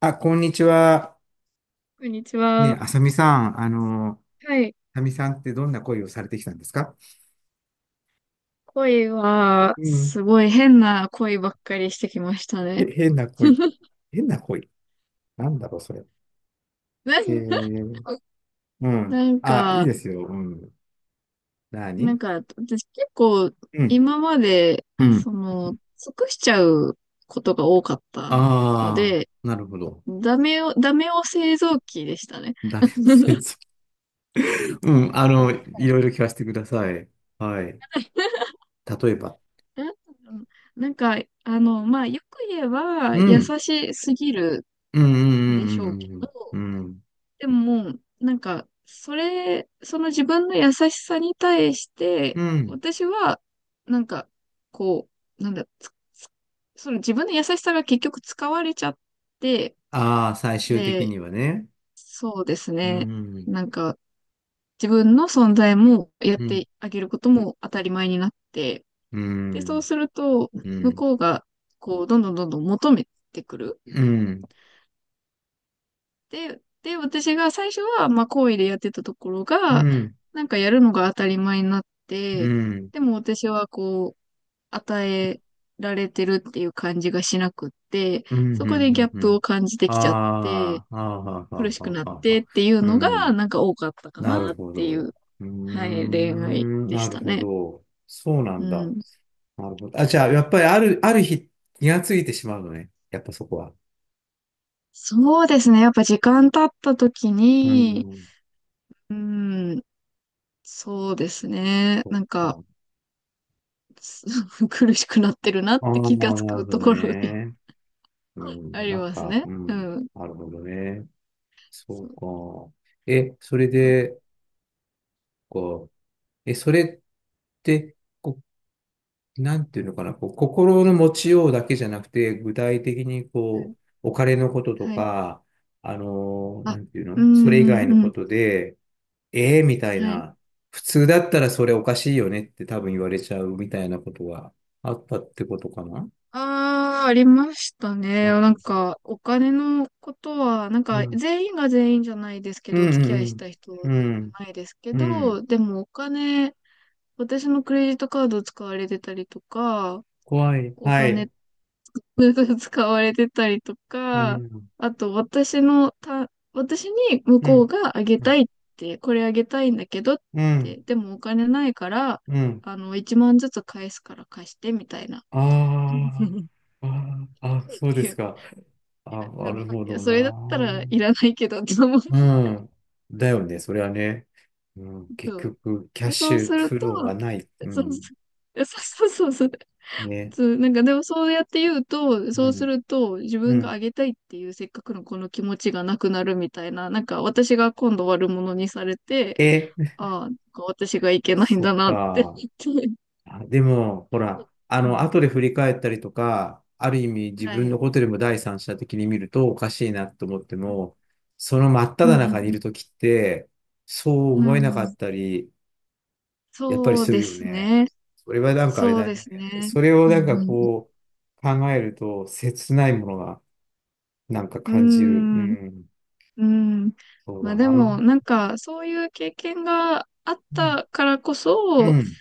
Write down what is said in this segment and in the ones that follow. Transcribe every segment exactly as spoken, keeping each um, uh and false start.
あ、こんにちは。こんにちね、は。あさみさん、あの、はい。あさみさんってどんな恋をされてきたんですか？恋は、うん。すごい変な恋ばっかりしてきましたへ、ね。変な恋。変な恋。なんだろう、それ。なんえー、うん。なんあ、いいか、ですよ。うん。な何。んか、私結構、うん。今まで、うん。その、尽くしちゃうことが多かったのああ、で、なるほど。ダメを、ダメを製造機でしたね。ダメ先 生。うん。あの、いろいろ聞かせてください。はい。例えば。なんなんか、あの、まあ、よく言えば、う優ん。しすぎるうん。んでしょうけうん、ど、うん、うん、うん、でももう、なんか、それ、その自分の優しさに対しうて、ん。うん。私は、なんか、こう、なんだ、つその自分の優しさが結局使われちゃって、ああー、最終的で、にはね。そうですうね。ん。なんか、自分の存在もやっうん。てあげることも当たり前になって、うで、そうん。すると、う向ん。こうが、こう、どんどんどんどん求めてくる。うん。で、で、私が最初は、まあ、好意でやってたところうが、ん。なんかやるのが当たり前になっうて、ん。でも私はこう、与えられてるっていう感じがしなくって、うん。そうこでギャん。ッうプん。を感じてきちゃって、ああ、ああ、はあ、苦はしあ、くはなっあ、はてあ。っていううのが、ん。なんか多かったかななるっほていど。う、うーはい、恋愛ん。でなしるたほね。ど。そうなうんだ。ん。なるほど。あ、じゃあ、やっぱりある、ある日、気がついてしまうのね。やっぱそこは。そうですね。やっぱ時間経った時うに、ん。うん、そうですね。そっなんか、か。苦しくなってるなっああ、てなる気がつほくとどころに ね。うあん。りなんますか、ね。ううん。ん。なるほどね。そそうう、か。え、それそう。で、こう、え、それって、こう、なんていうのかな、こう、心の持ちようだけじゃなくて、具体的にはこい。う、お金のこととはい。か、あのーあ、なんていううの、それ以ん、う外ん、のうこん。とで、ええみたいはい。な、普通だったらそれおかしいよねって多分言われちゃうみたいなことがあったってことかな。ああ、ありましたね。なるほなんど。か、お金のことは、なんうか、ん。全員が全員じゃないですけうど、お付き合いしん、た人は全う員ん、うじん。ゃないですけうん。うん。ど、でもお金、私のクレジットカード使われてたりとか、怖い。おは金 い。使われてたりとうか、ん。あと私のた、私に向うこうん。があげうたいっん。て、これあげたいんだけどっうて、ん。でもお金ないから、うん。あの、いちまんずつ返すから貸してみたいな。あ ーあー、あ、そうでいや、すいか。あ、やななんるか、ほいや、どそな。れだったらいらないけどって思うけうん。だよね、それはね。うん、結ど。局、キャッで、シそうすュるフと、ローはない。うそうそん。う、そうそうそうそう。ね。そう、なんかでもそうやって言うと、そううすん。ると自う分がん。あげたいっていうせっかくのこの気持ちがなくなるみたいな、なんか私が今度悪者にされて、え、ああ、なんか私がいけないんそだっなってか。言って。あ、でも、ほら、あ うの、ん、後で振り返ったりとか、ある意味自は分い。のことでも第三者的に見るとおかしいなと思っても、その真っう只んう中にいんるときって、そうう思えなん。かうっん。たり、やっぱりそうするでよすね。ね。それはなんかあれそうだでね。すね。それをうなんかんうんこう考えると切ないものがなんかう感じる。うん。うん。ん。うん。そうまだあでも、な。なんか、そういう経験があっうん。たからこうそ、ん。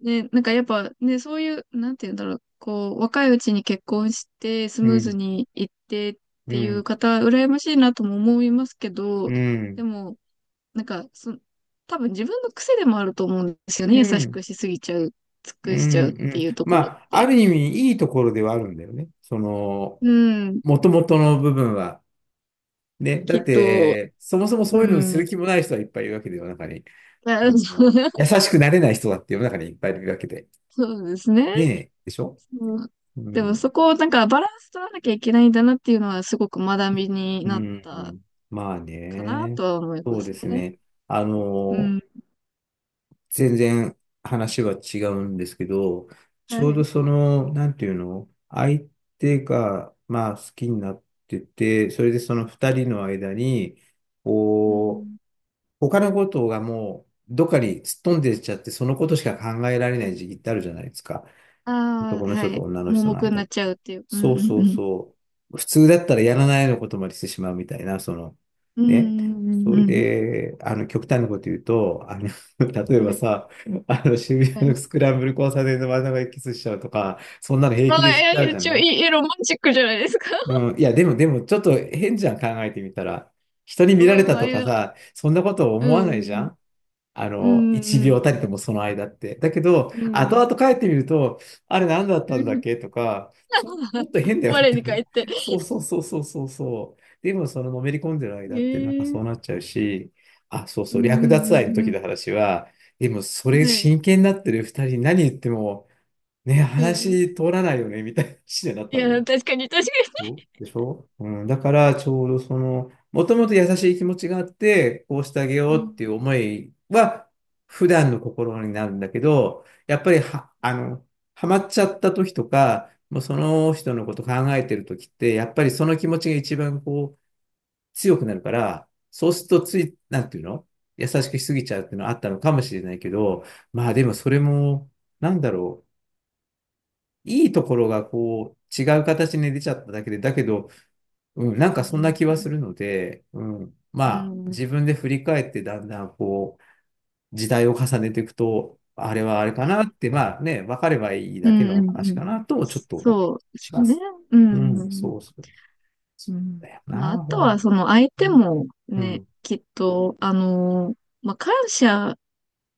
ね、なんかやっぱね、そういう、なんて言うんだろう、こう、若いうちに結婚してスうムーズん。にいってっうていうん。方、羨ましいなとも思いますけど、うでん。も、なんか、そ、多分自分の癖でもあると思うんですようね。優しん。くしすぎちゃう、尽うくしちん。うゃうってん。いうとまころっあ、あて。る意味いいところではあるんだよね。その、うん、もともとの部分は。ね。きだっっと、て、そもそもそういううのにするん。気もない人はいっぱいいるわけで、世の中に。ああ、そう の、優 しくなれない人だって世の中にいっぱいいるわけで。そうですねね。え。でしょそう、うでもん。そこをなんかバランス取らなきゃいけないんだなっていうのはすごく学びにうなったん。まあかなね。とは思いそまうですすね。ね。あうの、ん。全然話は違うんですけど、ちはょうどい。その、なんていうの、相手が、まあ、好きになってて、それでその二人の間に、うこう、ん。他のことがもう、どっかにすっ飛んでっちゃって、そのことしか考えられはないい。時期ってあるじゃないですか。あ男あ、のは人とい。女の盲人の目に間っなって。ちゃうっていう。うんそううんそううん。そう。普通だったらやらないようなことまでしてしまうみたいな、その、うんね。うんそれうんで、あの、極端なこと言うと、あの、例えうん。はばい。さ、あの、渋は谷のい。スクランブル交差点の真ん中でキスしちゃうとか、そんなの平あ気であ、いしちゃうや、じゃ一な応、い。いい、ロマンチックじゃないですか。うん、いや、でも、でも、ちょっと変じゃん、考えてみたら。人に見前られは、たと前かや。さ、そんなことう思わないじゃん。ん。あうの、一ん。う秒たりとん。もその間って。だけど、う後ん。々帰ってみると、あれ何だったうんだっん、けとか、ちょ、ちょっと変だよっ我て。に返って。そうそうそうそうそうそう。でも、そののめり込んでる間ってなんかそうえなえ、っちゃうし、あ、そううそんう、う略奪愛のんうん時うのん。話は、でも、それはい。真剣になってる二人に何言っても、ね、うん。話通らないよね、みたいな話になっいたのや、ね。確かに、確かそうでしょうん、だから、ちょうどその、もともと優しい気持ちがあって、こうしてあげよに。ううん。っていう思いは、普段の心になるんだけど、やっぱりは、あの、ハマっちゃった時とか、もうその人のこと考えてる時って、やっぱりその気持ちが一番こう、強くなるから、そうするとつい、なんていうの、優しくしすぎちゃうっていうのはあったのかもしれないけど、まあでもそれも、なんだろう、いいところがこう、違う形に出ちゃっただけで、だけど、うん、なんうかんそんなうん気うはすん。るので、うん、まうあん。自分で振り返ってだんだんこう時代を重ねていくと、あれはあれかなって、まあね、分かればいいうだけんうのんうん話うん、かなと、ちょっと思ったりそうですしまね。す。ううん、ん。そうそう。そううん。だよまあ、あな、とほは、ん。その相手もうね、ん。きっと、あのーまあ、感謝、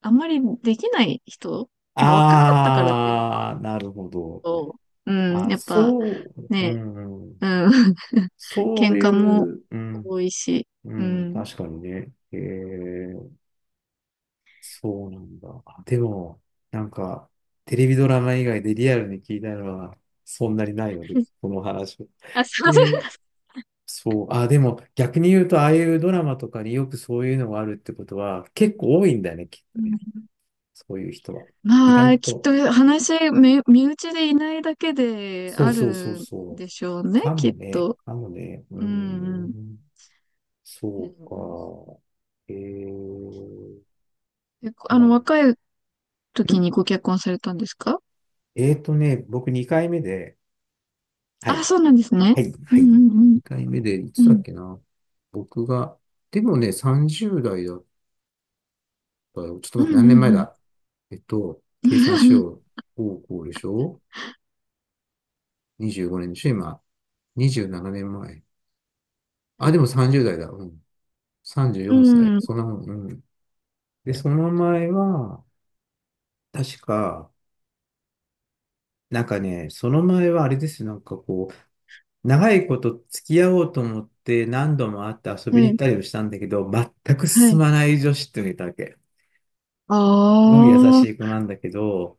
あんまりできない人、まあ、若かったからっていうのもあああ、なるほど。と、うん、あ、やっぱそう、うね、ん、うん、そ喧うい嘩もう、う多ん、いし、ううん、ん。確かにね。え、そうなんだ。あでも、なんか、テレビドラマ以外でリアルに聞いたのは、そんなにないので、この話。あ、すいえません。ーそう。あ、でも、逆に言うと、ああいうドラマとかによくそういうのがあるってことは、結構多いんだよね、きうっとね。ん。 そういう人は。意ま外あ、きっと。と話、め身内でいないだけでそあうるそうそうんそう。でしょうね、かきもっね、と。かもね。ううーん、うん。ん。うそうん、か。えー、えああの、ん若い時にご結婚されたんですか？えーとね、僕にかいめで、はあ、い。そうなんですね。はい、うはんうい。んうん。にかいめで、いうつだっん。けな。僕が、でもね、さんじゅう代だったよ。ちょっとう待って、ん何う年前んだ。えっと、計算しよう。高校でしょ？ にじゅうご 年でしょ今。にじゅうななねんまえ。あ、でもさんじゅう代だ。うん。34う歳。ん。うそんん。なもん。うん。で、その前は、確か、なんかね、その前はあれですよ。なんかこう、長いこと付き合おうと思って何度も会って遊びには行っい。たりもしたんだけど、全くは進い。まない女子っていうのがいたわけ。すあごい優しいあ、子なんだけど、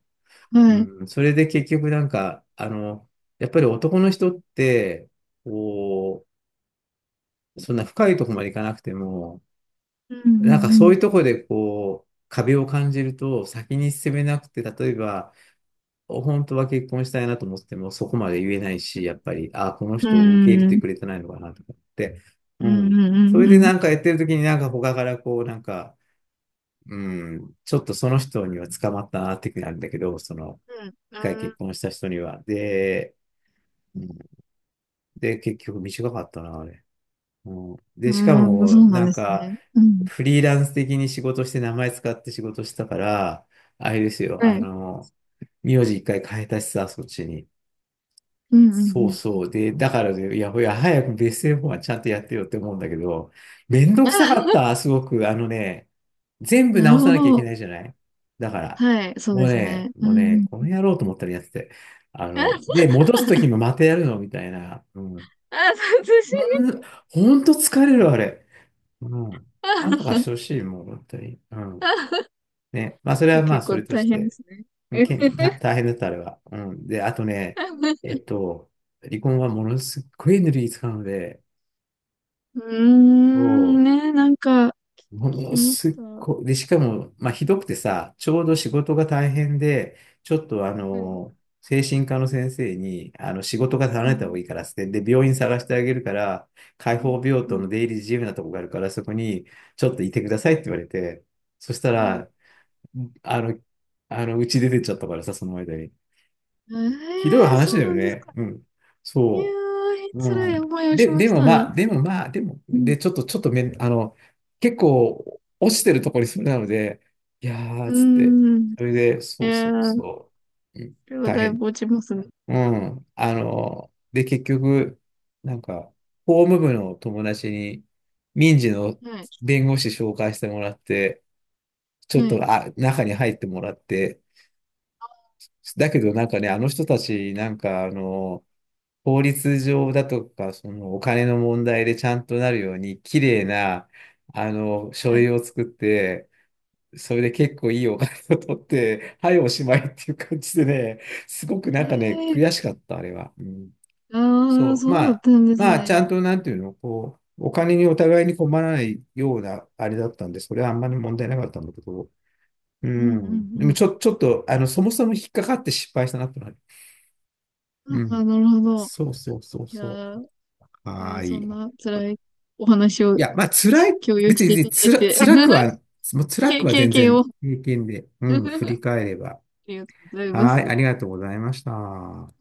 はい。うん、それで結局なんか、あの、やっぱり男の人って、こう、そんな深いとこまでいかなくても、うんうなんかそうんいうとこでこう、壁を感じると先に進めなくて、例えば、本当は結婚したいなと思ってもそこまで言えないし、やっぱり、ああ、このう人を受け入ん。れうてん。くれてないのかなとかって、ううんうん。んうそんれでうん。なんかやってる時になんか他からこう、なんか、うん、ちょっとその人には捕まったなっていうふうになるんだけど、その、うん。一回結婚した人には。で、うんで、結局短かったな、あれ。うんうで、しかん。うーん、も、そうなんなんですか、ね。うん。フリーランス的に仕事して名前使って仕事したから、あれですよ、はあい。の、名字一回変えたしさ、そっちに。うんうんうんうん、はいはい、ああ、はい、うんうんうんうんうんうんうんうんうんうんうん、そうそうなそんう。で、だからね、いや、いや、早くベストフォーはちゃんとやってよって思うんだけど、ですね、うん、はい、うんうんめんどくさかうっんうん。 た、す ごく。あのね、全部なる直さほなきゃいけど。ないじゃない。だから、はい、そうもうですね、ね。うもうね、ん。この野郎と思ったらやってて。ああ、の、で、戻すときもまたやるのみたいな。うん。あ、殺人。うん、ほんと疲れる、あれ。うん。なんとかしあ、てほしい、もう、本当に。うん。ね。まあ、それいはや、まあ、結そ構れとし大変でて。すね。け大 大変だった、あれは。うん。で、あとね、えっと、離婚はものすっごいエネルギー使うので、うーん、そね、なんか、聞う、ものきますしった。ごい、で、しかも、まあ、ひどくてさ、ちょうど仕事が大変で、ちょっとあはい。の、精神科の先生に、あの、仕事が離うれた方がん。いいからっつって、で、病院探してあげるから、開うん、放病う棟ん、の出入り自由なとこがあるから、そこにちょっといてくださいって言われて、そしたはい。ら、あの、あの、うち出てっちゃったからさ、その間に。えひどいえー、話そうだよなんですね。か。うん。いやそー、う。つうらいん。思いをしで、までしもたね。まあ、でもまあ、でも、うん。で、ちょっと、ちょっとめん、あの、結構、落ちてるところにそれなので、いやー、うーつって、ん。それで、いそうそやうー、こそう、うん、れは大だい変。ぶ落ちますね。うん。あの、で、結局、なんか、法務部の友達に、民事のはい。弁護士紹介してもらって、ちょっはと、い。あ、中に入ってもらって、だけどなんかね、あの人たち、なんか、あの、法律上だとか、そのお金の問題でちゃんとなるように、綺麗な、あの、書はい。類を作って、それで結構いいお金を取って、はい、おしまいっていう感じでね、すごくなえんかね、えー、悔しかった、あれは。うん、ああ、そう、まそうだっあ、たんですまあ、ちゃんね。と、なんていうの、こう、お金にお互いに困らないような、あれだったんで、それはあんまり問う題なかったんだけど、うん、うん。でも、ん、ちょ、ちょっと、あの、そもそも引っかかって失敗したなってのはある。うん。うあん。あ、なるほど。そうそうそういやそー、う。えはーーそんい。な辛いお話をいや、まあ、辛い、共有別しに、て別いたにだついら、て、辛くは、もう 辛経くは経全験を 然 あ平均で、うん、振り返れば。りがとうございまはい、す。ありがとうございました。